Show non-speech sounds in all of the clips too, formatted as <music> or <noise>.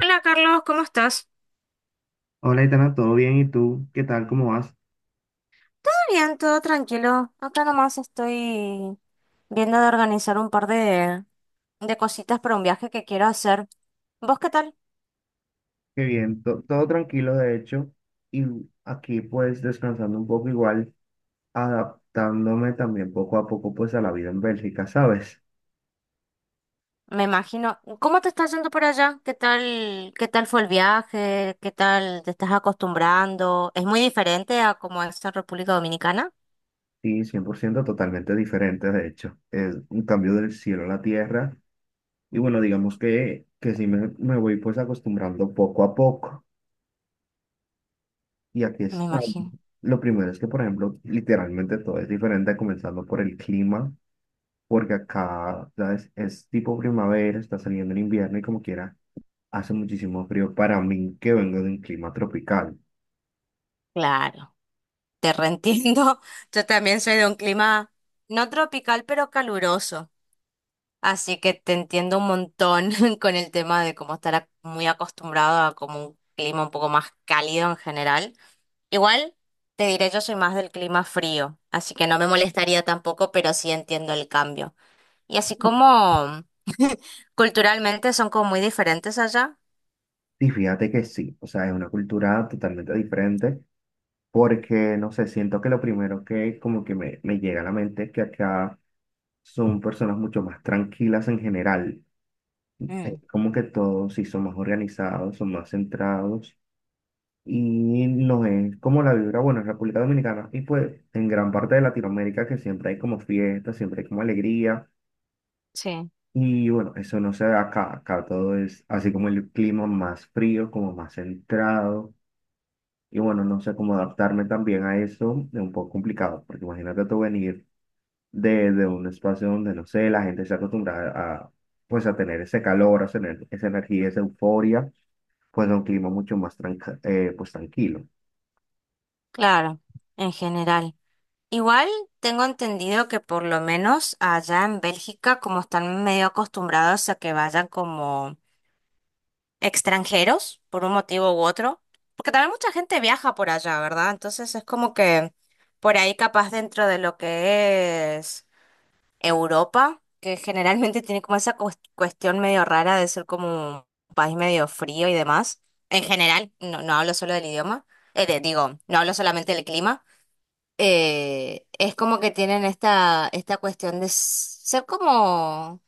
Hola Carlos, ¿cómo estás? Hola, Itana, ¿todo bien? ¿Y tú? ¿Qué tal? ¿Cómo vas? Todo bien, todo tranquilo. Acá nomás estoy viendo de organizar un par de cositas para un viaje que quiero hacer. ¿Vos qué tal? Qué bien, todo tranquilo de hecho y aquí pues descansando un poco igual, adaptándome también poco a poco pues a la vida en Bélgica, ¿sabes? Me imagino. ¿Cómo te estás yendo por allá? Qué tal fue el viaje? ¿Qué tal te estás acostumbrando? ¿Es muy diferente a como es en República Dominicana? Sí, 100% totalmente diferente de hecho, es un cambio del cielo a la tierra y bueno, digamos que sí me voy pues acostumbrando poco a poco y aquí Me estamos. imagino. Lo primero es que por ejemplo literalmente todo es diferente comenzando por el clima. Porque acá, ¿sabes? Es tipo primavera, está saliendo el invierno y como quiera, hace muchísimo frío para mí que vengo de un clima tropical. Claro, te reentiendo. <laughs> Yo también soy de un clima no tropical, pero caluroso. Así que te entiendo un montón <laughs> con el tema de cómo estar muy acostumbrado a como un clima un poco más cálido en general. Igual te diré, yo soy más del clima frío, así que no me molestaría tampoco, pero sí entiendo el cambio. Y así como culturalmente son como muy diferentes allá. Y fíjate que sí, o sea, es una cultura totalmente diferente porque, no sé, siento que lo primero que como que me llega a la mente es que acá son personas mucho más tranquilas en general. Es Mm, como que todos sí son más organizados, son más centrados y no es como la vibra, bueno, en República Dominicana y pues en gran parte de Latinoamérica que siempre hay como fiesta, siempre hay como alegría sí. y bueno, eso no se da acá, acá todo es así como el clima más frío, como más centrado y bueno, no sé cómo adaptarme también a eso, es un poco complicado, porque imagínate tú venir de un espacio donde, no sé, la gente se acostumbra a, pues a tener ese calor, a tener esa energía, esa euforia, pues a un clima mucho más pues tranquilo. Claro, en general. Igual tengo entendido que por lo menos allá en Bélgica, como están medio acostumbrados a que vayan como extranjeros, por un motivo u otro, porque también mucha gente viaja por allá, ¿verdad? Entonces es como que por ahí capaz dentro de lo que es Europa, que generalmente tiene como esa cuestión medio rara de ser como un país medio frío y demás. En general, no, no hablo solo del idioma, digo, no hablo solamente del clima. Es como que tienen esta cuestión de ser como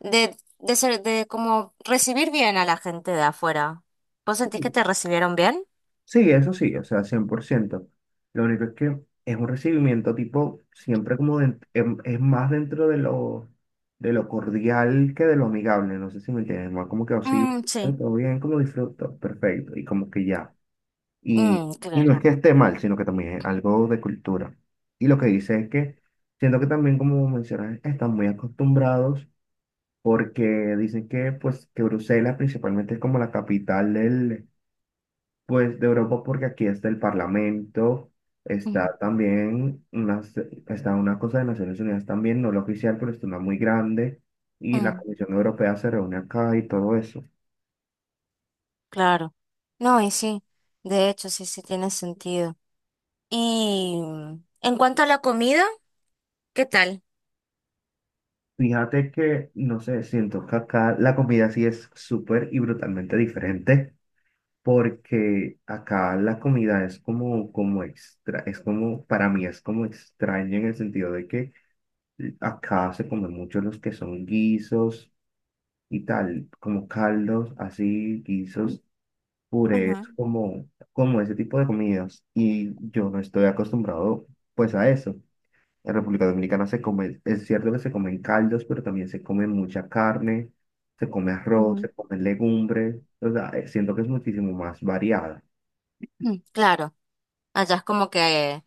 de como recibir bien a la gente de afuera. ¿Vos sentís que te recibieron bien? Sí, eso sí, o sea, cien por ciento. Lo único es que es un recibimiento tipo, siempre como es más dentro de lo, cordial que de lo amigable, no sé si me entiendes, más como que así, Mm, sí. todo bien, como disfruto, perfecto, y como que ya. Y, Mm, y no es claro. que esté mal, sino que también es algo de cultura. Y lo que dice es que siento que también, como mencionas, están muy acostumbrados porque dicen que, pues, que Bruselas principalmente es como la capital del, pues de Europa porque aquí está el Parlamento, Mm, está también una, está una cosa de Naciones Unidas también, no la oficial, pero está una muy grande, y la mm, Comisión Europea se reúne acá y todo eso. claro. No, y sí, de hecho, sí, sí tiene sentido. Y en cuanto a la comida, ¿qué tal? Fíjate que, no sé, siento que acá la comida sí es súper y brutalmente diferente, porque acá la comida es como extra, es como, para mí es como extraña en el sentido de que acá se comen mucho los que son guisos y tal, como caldos, así, guisos, purés, Ajá. como ese tipo de comidas. Y yo no estoy acostumbrado pues a eso. En República Dominicana se come, es cierto que se comen caldos, pero también se come mucha carne, se come arroz, se Ujú. comen legumbres, o sea, siento que es muchísimo más variada. Mm, claro, allá es como que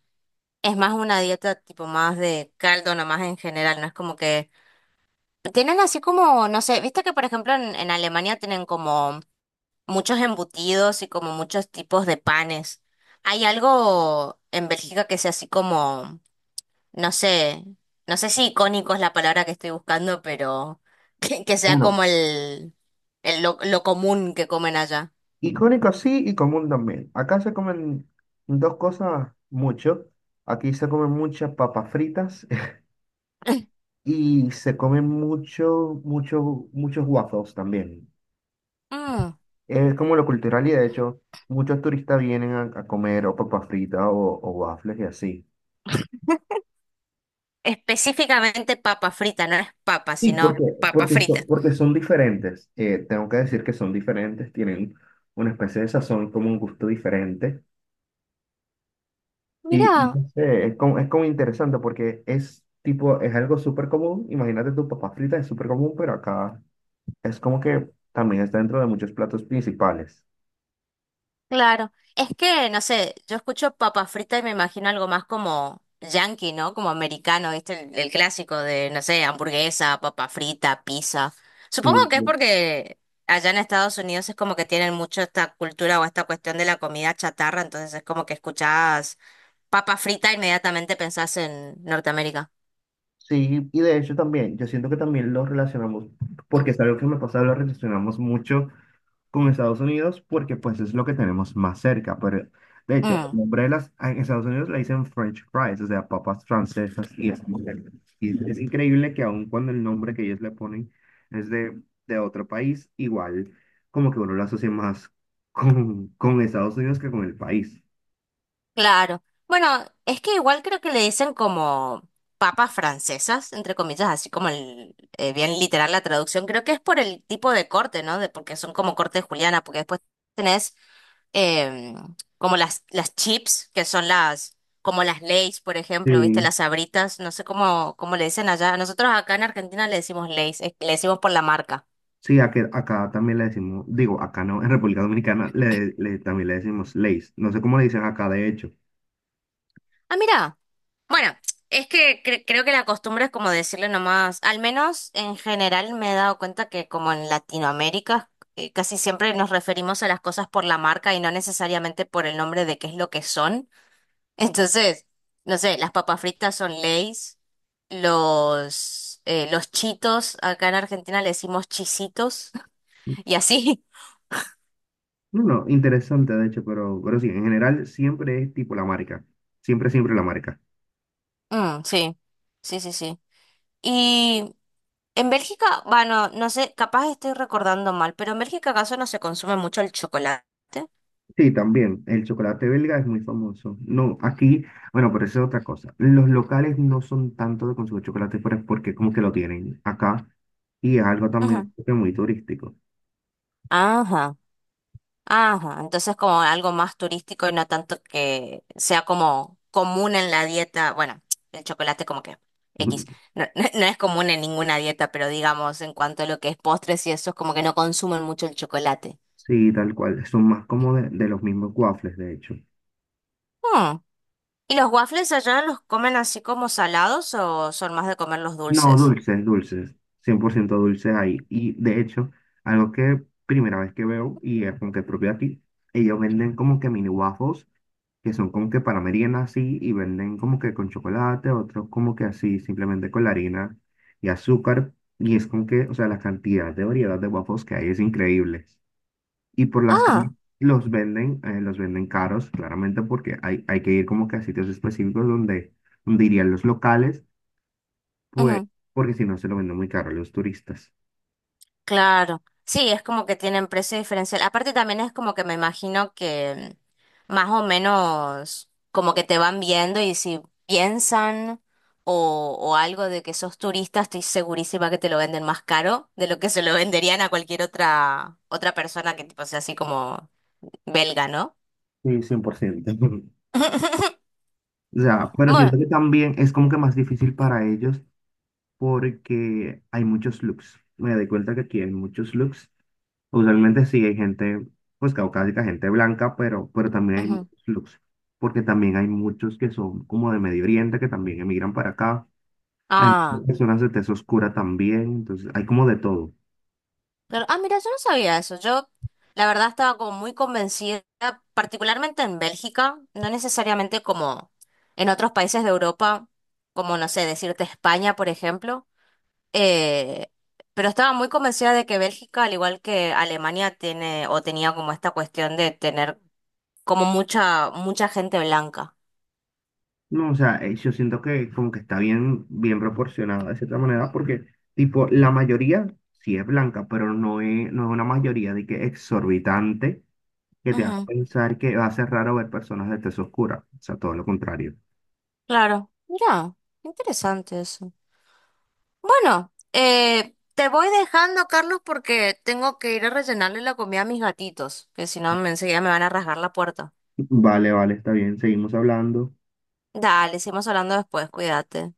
es más una dieta tipo más de caldo nomás en general, no es como que tienen así como, no sé, viste que por ejemplo en Alemania tienen como muchos embutidos y como muchos tipos de panes. ¿Hay algo en Bélgica que sea así como, no sé, no sé si icónico es la palabra que estoy buscando, pero <laughs> que sea Bueno, como lo común que comen allá? icónico sí y común también. Acá se comen dos cosas mucho. Aquí se comen muchas papas fritas y se comen mucho, mucho, muchos waffles también. Mm, Es como lo cultural y de hecho, muchos turistas vienen a comer o papas fritas o waffles y así. Específicamente papa frita, no es papa, Sí, sino porque, papa porque, so- frita. porque son diferentes. Tengo que decir que son diferentes, tienen una especie de sazón, como un gusto diferente. Y Mirá, no sé, es como, interesante porque es algo súper común. Imagínate tu papa frita, es súper común, pero acá es como que también está dentro de muchos platos principales. claro, es que, no sé, yo escucho papa frita y me imagino algo más como yankee, ¿no? Como americano, ¿viste? El clásico de, no sé, hamburguesa, papa frita, pizza. Sí, Supongo que es porque allá en Estados Unidos es como que tienen mucho esta cultura o esta cuestión de la comida chatarra, entonces es como que escuchás papa frita e inmediatamente pensás en Norteamérica. sí, y de hecho también, yo siento que también lo relacionamos, porque es algo que me pasa, lo relacionamos mucho con Estados Unidos, porque pues es lo que tenemos más cerca. Pero de hecho, el Mm. nombre de las, en Estados Unidos le dicen French fries, o sea, papas francesas, y es, muy cerca. Y es increíble que aun cuando el nombre que ellos le ponen es de otro país, igual como que uno lo asocia más <laughs> con, Estados Unidos que con el país. Claro. Bueno, es que igual creo que le dicen como papas francesas, entre comillas, así como bien literal la traducción. Creo que es por el tipo de corte, ¿no? De, porque son como corte de juliana, porque después tenés em, como las chips, que son como las Lay's, por ejemplo, ¿viste? Sí, Las Sabritas, no sé cómo le dicen allá. Nosotros acá en Argentina le decimos Lay's, le decimos por la marca. sí, acá también le decimos, digo, acá no, en República Dominicana también le decimos leis. No sé cómo le dicen acá, de hecho. Ah, mira. Bueno, es que creo que la costumbre es como decirle nomás, al menos en general me he dado cuenta que como en Latinoamérica casi siempre nos referimos a las cosas por la marca y no necesariamente por el nombre de qué es lo que son. <laughs> Entonces, no sé, las papas fritas son Lay's, los chitos, acá en Argentina le decimos chisitos <laughs> y así. No, no, interesante, de hecho, pero sí, en general siempre es tipo la marca. Siempre, siempre la marca. Mm, sí, sí, sí, sí. En Bélgica, bueno, no sé, capaz estoy recordando mal, pero en Bélgica acaso no se consume mucho el chocolate. Sí, también, el chocolate belga es muy famoso. No, aquí, bueno, pero eso es otra cosa. Los locales no son tanto de consumir chocolate, pero es porque como que lo tienen acá y es algo también Ajá. como que muy turístico. Ajá, ajá. Entonces como algo más turístico y no tanto que sea como común en la dieta. Bueno, el chocolate como que X. <laughs> No, no es común en ninguna dieta, pero digamos en cuanto a lo que es postres y eso es como que no consumen mucho el chocolate. Sí, tal cual. Son más como de los mismos waffles, de hecho. Hmm. ¿Y los waffles allá los comen así como salados o son más de comer los No, dulces? dulces, dulces, 100% dulces ahí. Y de hecho, algo que primera vez que veo y es como que propio aquí, ellos venden como que mini waffles, que son como que para merienda así, y venden como que con chocolate, otros como que así, simplemente con la harina y azúcar. Y es como que, o sea, la cantidad de variedad de waffles que hay es increíble. Y por las Ah. calles los venden caros, claramente, porque hay que ir como que a sitios específicos donde, irían los locales pues, porque si no se lo venden muy caro a los turistas. Claro, sí, es como que tienen precio diferencial. Aparte también es como que me imagino que más o menos como que te van viendo y si piensan o algo de que sos turista, estoy segurísima que te lo venden más caro de lo que se lo venderían a cualquier otra persona que tipo sea así como belga, ¿no? Sí, 100%. <laughs> O sea, pero siento Bueno, que también es como que más difícil para ellos porque hay muchos looks. Me doy cuenta que aquí hay muchos looks. Usualmente sí hay gente, pues caucásica, gente blanca, pero también hay ujú. muchos looks. Porque también hay muchos que son como de Medio Oriente, que también emigran para acá. Hay Ah. personas de tez oscura también, entonces hay como de todo. Claro. Ah, mira, yo no sabía eso. Yo, la verdad, estaba como muy convencida, particularmente en Bélgica, no necesariamente como en otros países de Europa, como, no sé, decirte España, por ejemplo, eh, pero estaba muy convencida de que Bélgica, al igual que Alemania, tiene o tenía como esta cuestión de tener como mucha gente blanca. No, o sea, yo siento que como que está bien, bien proporcionado de cierta manera, porque, tipo, la mayoría sí es blanca, pero no es una mayoría de que exorbitante que te haga Ujú, pensar que va a ser raro ver personas de tez oscura. O sea, todo lo contrario. claro. Mira, interesante eso. Bueno, te voy dejando, Carlos, porque tengo que ir a rellenarle la comida a mis gatitos, que si no, enseguida me van a rasgar la puerta. Vale, vale, está bien, seguimos hablando. Dale, seguimos hablando después, cuídate.